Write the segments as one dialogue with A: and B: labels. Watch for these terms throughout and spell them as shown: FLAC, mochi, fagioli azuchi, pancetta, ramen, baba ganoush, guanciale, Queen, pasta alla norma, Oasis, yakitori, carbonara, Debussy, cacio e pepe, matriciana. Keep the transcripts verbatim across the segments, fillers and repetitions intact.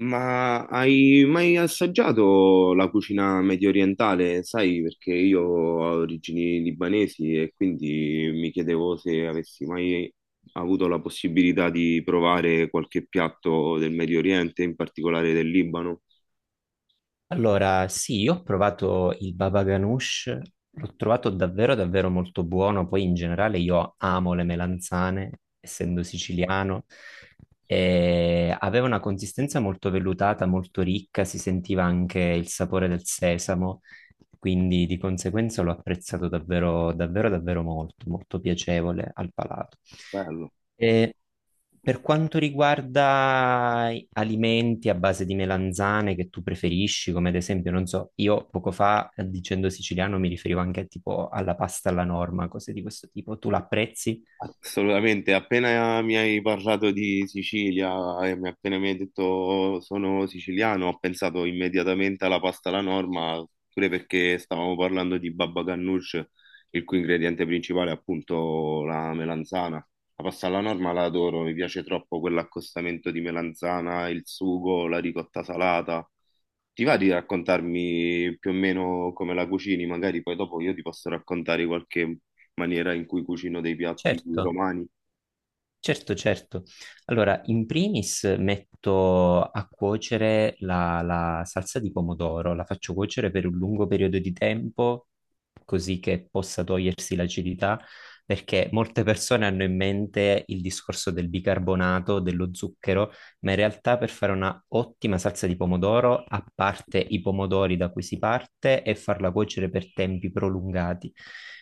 A: Ma hai mai assaggiato la cucina medio orientale? Sai, perché io ho origini libanesi e quindi mi chiedevo se avessi mai avuto la possibilità di provare qualche piatto del Medio Oriente, in particolare del Libano.
B: Allora, sì, io ho provato il baba ganoush, l'ho trovato davvero davvero molto buono, poi in generale io amo le melanzane, essendo siciliano, e aveva una consistenza molto vellutata, molto ricca, si sentiva anche il sapore del sesamo, quindi di conseguenza l'ho apprezzato davvero, davvero, davvero molto, molto piacevole al palato.
A: Bello.
B: E per quanto riguarda i- alimenti a base di melanzane che tu preferisci, come ad esempio, non so, io poco fa eh, dicendo siciliano mi riferivo anche tipo alla pasta alla norma, cose di questo tipo, tu l'apprezzi?
A: Assolutamente, appena mi hai parlato di Sicilia e mi- appena mi hai detto sono siciliano, ho pensato immediatamente alla pasta alla norma, pure perché stavamo parlando di baba ganoush, il cui ingrediente principale è appunto la melanzana. La pasta alla norma la adoro, mi piace troppo quell'accostamento di melanzana, il sugo, la ricotta salata. Ti va di raccontarmi più o meno come la cucini? Magari poi dopo io ti posso raccontare qualche maniera in cui cucino dei piatti
B: Certo.
A: romani.
B: Certo, certo. Allora, in primis metto a cuocere la, la salsa di pomodoro, la faccio cuocere per un lungo periodo di tempo così che possa togliersi l'acidità, perché molte persone hanno in mente il discorso del bicarbonato, dello zucchero, ma in realtà per fare una ottima salsa di pomodoro, a parte i pomodori da cui si parte e farla cuocere per tempi prolungati.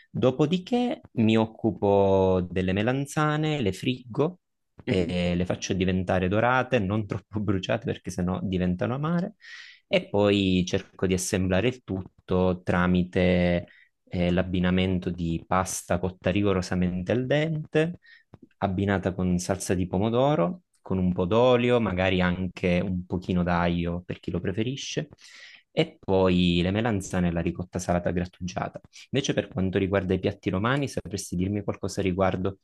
B: Dopodiché mi occupo delle melanzane, le friggo e le faccio diventare dorate, non troppo bruciate perché sennò diventano amare. E poi cerco di assemblare il tutto tramite eh, l'abbinamento di pasta cotta rigorosamente al dente, abbinata con salsa di pomodoro, con un po' d'olio, magari anche un pochino d'aglio per chi lo preferisce, e poi le melanzane e la ricotta salata grattugiata. Invece per quanto riguarda i piatti romani, sapresti dirmi qualcosa riguardo.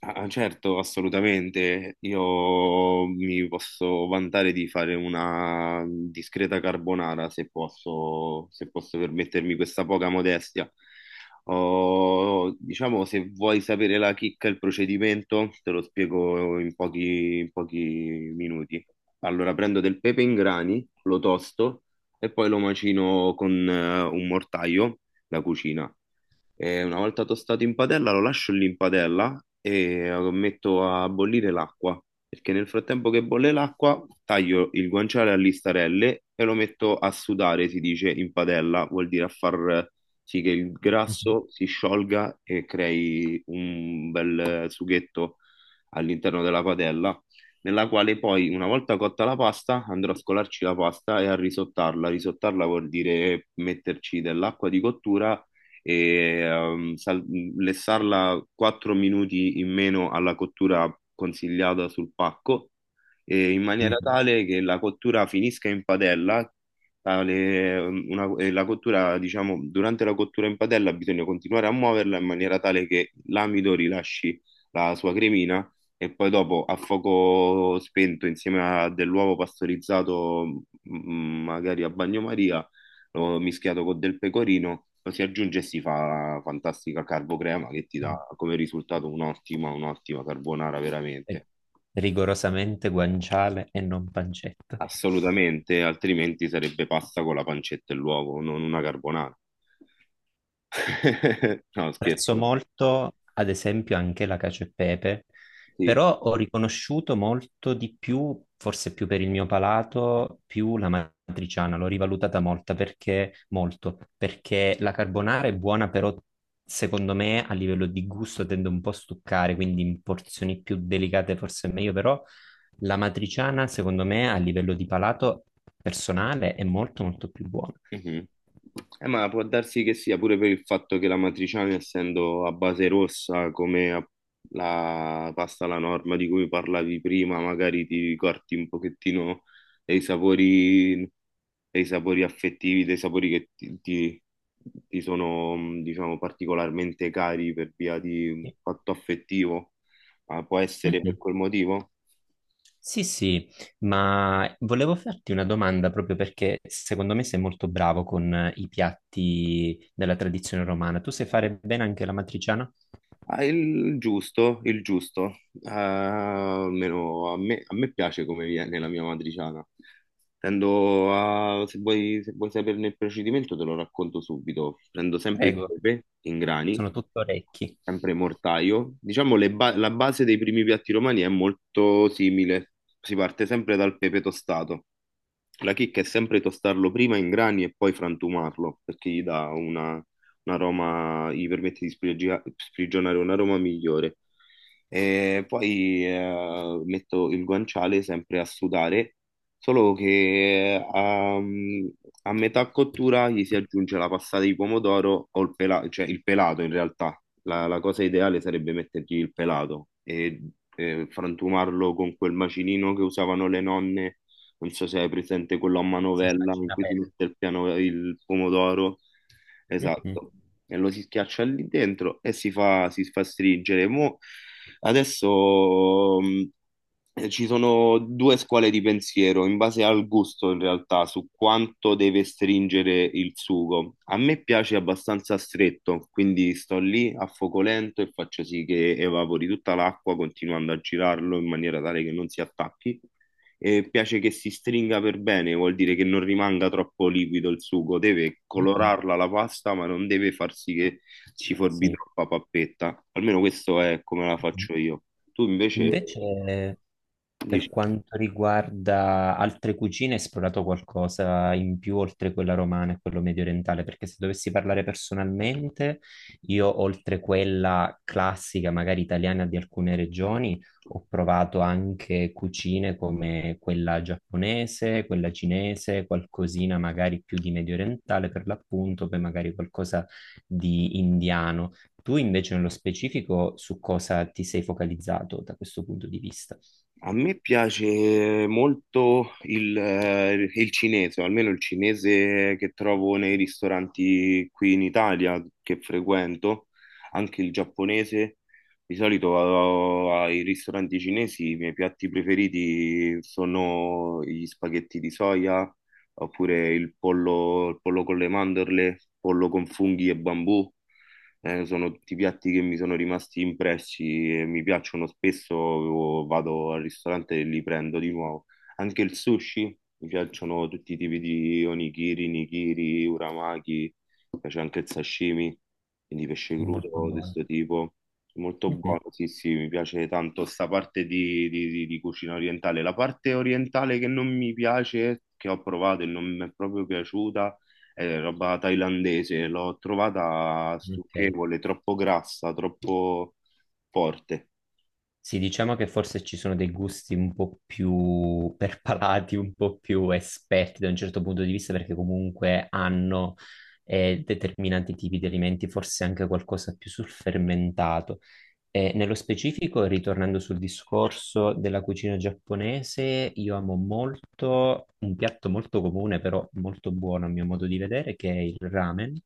A: Ah, ah, certo, assolutamente. Io mi posso vantare di fare una discreta carbonara se posso, se posso permettermi questa poca modestia. Oh, diciamo, se vuoi sapere la chicca, e il procedimento, te lo spiego in pochi, in pochi minuti. Allora, prendo del pepe in grani, lo tosto e poi lo macino con eh, un mortaio da cucina. E una volta tostato in padella lo lascio lì in padella e lo metto a bollire l'acqua, perché nel frattempo che bolle l'acqua taglio il guanciale a listarelle e lo metto a sudare, si dice, in padella, vuol dire a far sì che il grasso si sciolga e crei un bel sughetto all'interno della padella, nella quale poi, una volta cotta la pasta, andrò a scolarci la pasta e a risottarla. Risottarla vuol dire metterci dell'acqua di cottura e ehm, sal- lessarla quattro minuti in meno alla cottura consigliata sul pacco, eh, in maniera
B: Mhm.
A: tale che la cottura finisca in padella. Tale- ehm, una- eh, la cottura, diciamo, durante la cottura in padella bisogna continuare a muoverla in maniera tale che l'amido rilasci la sua cremina e poi dopo a fuoco spento insieme a dell'uovo pastorizzato, mm, magari a bagnomaria, lo mischiato con del pecorino, lo si aggiunge e si fa fantastica carbocrema che ti dà come risultato un'ottima, un'ottima carbonara
B: eh,
A: veramente.
B: Rigorosamente guanciale e non pancetta?
A: Assolutamente, altrimenti sarebbe pasta con la pancetta e l'uovo, non una carbonara. No,
B: Apprezzo
A: scherzo.
B: molto, ad esempio, anche la cacio e pepe,
A: Sì.
B: però ho riconosciuto molto di più, forse più per il mio palato, più la matriciana, l'ho rivalutata molta perché, molto, perché la carbonara è buona, però secondo me a livello di gusto tende un po' a stuccare, quindi in porzioni più delicate forse è meglio, però la matriciana, secondo me, a livello di palato personale è molto molto più buona.
A: Mhm. Eh, ma può darsi che sia pure per il fatto che la matriciana, essendo a base rossa, come a- la pasta alla norma di cui parlavi prima, magari ti corti un pochettino dei sapori, dei sapori affettivi, dei sapori che ti, ti- ti sono, mh, diciamo, particolarmente cari per via di un
B: Sì.
A: fatto affettivo. Ma può essere per
B: Mhm.
A: quel motivo?
B: Sì, sì, ma volevo farti una domanda proprio perché secondo me sei molto bravo con eh, i piatti della tradizione romana. Tu sai fare bene anche la matriciana?
A: Ah, il giusto, il giusto. Eh, almeno a me, a me piace come viene la mia matriciana. Tendo a- se vuoi, se vuoi saperne il procedimento, te lo racconto subito. Prendo sempre il
B: Prego,
A: pepe in grani,
B: sono tutto orecchi.
A: sempre mortaio. Diciamo le ba- la base dei primi piatti romani è molto simile. Si parte sempre dal pepe tostato. La chicca è sempre tostarlo prima in grani e poi frantumarlo, perché gli dà una, un aroma, gli permette di sprigionia- sprigionare un aroma migliore. E poi eh, metto il guanciale sempre a sudare, solo che ehm, a, metà cottura gli si aggiunge la passata di pomodoro o il pelato, cioè il pelato in realtà. La, la cosa ideale sarebbe mettergli il pelato e, e frantumarlo con quel macinino che usavano le nonne, non so se hai presente quello a
B: Sì,
A: manovella in
B: immagina
A: cui si
B: bene.
A: mette il, piano, il pomodoro.
B: Mhm,
A: Esatto. E lo si schiaccia lì dentro e si fa, si fa stringere. Mo adesso mh, eh, Ci sono due scuole di pensiero in base al gusto, in realtà, su quanto deve stringere il sugo. A me piace abbastanza stretto, quindi sto lì a fuoco lento e faccio sì che evapori tutta l'acqua, continuando a girarlo in maniera tale che non si attacchi e piace che si stringa per bene, vuol dire che non rimanga troppo liquido il sugo, deve
B: mhm.
A: colorarla la pasta, ma non deve far sì che ci forbi
B: Sì.
A: troppa pappetta. Almeno questo è come la
B: Mhm.
A: faccio io. Tu invece
B: Invece Per
A: dici.
B: quanto riguarda altre cucine, hai esplorato qualcosa in più oltre quella romana e quello mediorientale? Perché se dovessi parlare personalmente, io oltre quella classica, magari italiana di alcune regioni, ho provato anche cucine come quella giapponese, quella cinese, qualcosina magari più di mediorientale per l'appunto, poi magari qualcosa di indiano. Tu invece nello specifico su cosa ti sei focalizzato da questo punto di vista?
A: A me piace molto il, eh, il cinese, o almeno il cinese che trovo nei ristoranti qui in Italia che frequento, anche il giapponese. Di solito vado ai ristoranti cinesi, i miei piatti preferiti sono gli spaghetti di soia, oppure il pollo, il pollo con le mandorle, pollo con funghi e bambù, eh, sono tutti piatti che mi sono rimasti impressi e mi piacciono spesso, o vado al ristorante e li prendo di nuovo. Anche il sushi, mi piacciono tutti i tipi di onigiri, nigiri, uramaki, mi piace anche il sashimi, quindi pesce crudo
B: Molto
A: di
B: buone.
A: questo tipo. Molto
B: Mhm.
A: buono, sì, sì, mi piace tanto sta parte di, di- di- di cucina orientale. La parte orientale che non mi piace, che ho provato e non mi è proprio piaciuta, è roba thailandese, l'ho trovata
B: Ok.
A: stucchevole, troppo grassa, troppo forte.
B: Sì, diciamo che forse ci sono dei gusti un po' più perpalati, un po' più esperti da un certo punto di vista, perché comunque hanno eh, determinati tipi di alimenti, forse anche qualcosa più sul fermentato. Eh, nello specifico, ritornando sul discorso della cucina giapponese, io amo molto un piatto molto comune, però molto buono a mio modo di vedere, che è il ramen.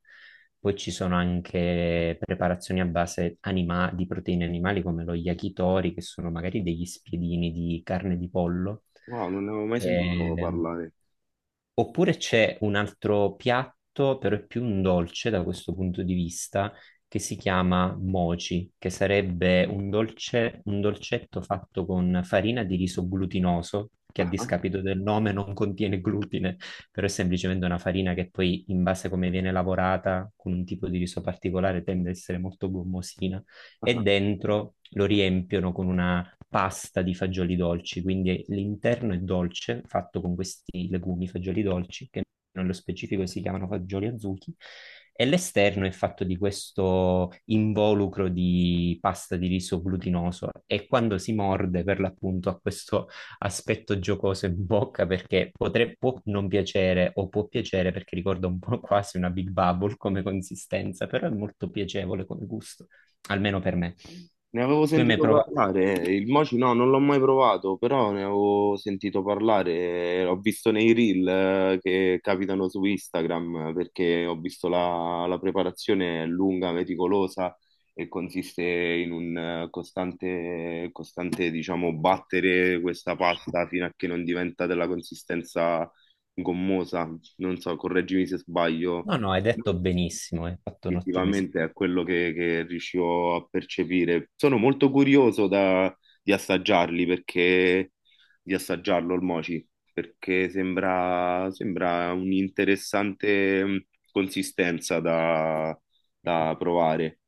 B: Poi ci sono anche preparazioni a base anima- di proteine animali come lo yakitori, che sono magari degli spiedini di carne di pollo.
A: Wow, non ne avevo mai sentito
B: Ehm,
A: parlare.
B: Oppure c'è un altro piatto, però è più un dolce da questo punto di vista, che si chiama mochi, che sarebbe un dolce- un dolcetto fatto con farina di riso glutinoso, che a
A: Ah, ah.
B: discapito del nome non contiene glutine, però è semplicemente una farina che poi, in base a come viene lavorata, con un tipo di riso particolare, tende ad essere molto gommosina, e
A: Ah.
B: dentro lo riempiono con una pasta di fagioli dolci, quindi l'interno è dolce, fatto con questi legumi fagioli dolci, che nello specifico si chiamano fagioli azuchi, e l'esterno è fatto di questo involucro di pasta di riso glutinoso e quando si morde per l'appunto ha questo aspetto giocoso in bocca perché potre- può non piacere o può piacere perché ricorda un po' quasi una Big Bubble come consistenza, però è molto piacevole come gusto, almeno per me.
A: Ne avevo
B: Tu hai mai
A: sentito
B: provato?
A: parlare, il mochi no, non l'ho mai provato, però ne avevo sentito parlare. Eh, ho visto nei reel eh, che capitano su Instagram, perché ho visto la, la preparazione è lunga, meticolosa e consiste in un eh, costante, costante, diciamo, battere questa pasta fino a che non diventa della consistenza gommosa. Non so, correggimi se sbaglio
B: No, no, hai detto benissimo, hai fatto un ottimo
A: istintivamente
B: esempio.
A: a quello che, che riuscivo a percepire. Sono molto curioso da- di assaggiarli perché Di assaggiarlo il mochi, perché sembra, sembra un'interessante mh, consistenza da, da provare.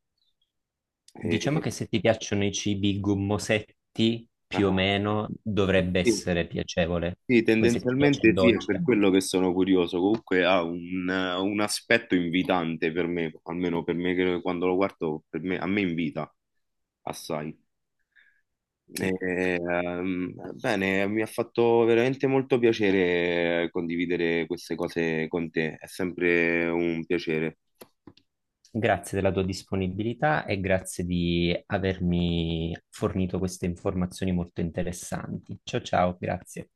B: Diciamo
A: E-
B: che se ti piacciono i cibi gommosetti, più o
A: ah,
B: meno dovrebbe
A: sì,
B: essere piacevole.
A: sì,
B: Poi se ti piace il
A: tendenzialmente sì, è
B: dolce,
A: per
B: anche.
A: quello che sono curioso. Comunque ha un, un aspetto invitante per me, almeno per me che quando lo guardo, per me- a me invita assai. E,
B: Sì.
A: ehm, bene, mi ha fatto veramente molto piacere condividere queste cose con te, è sempre un piacere.
B: Grazie della tua disponibilità e grazie di avermi fornito queste informazioni molto interessanti. Ciao ciao, grazie.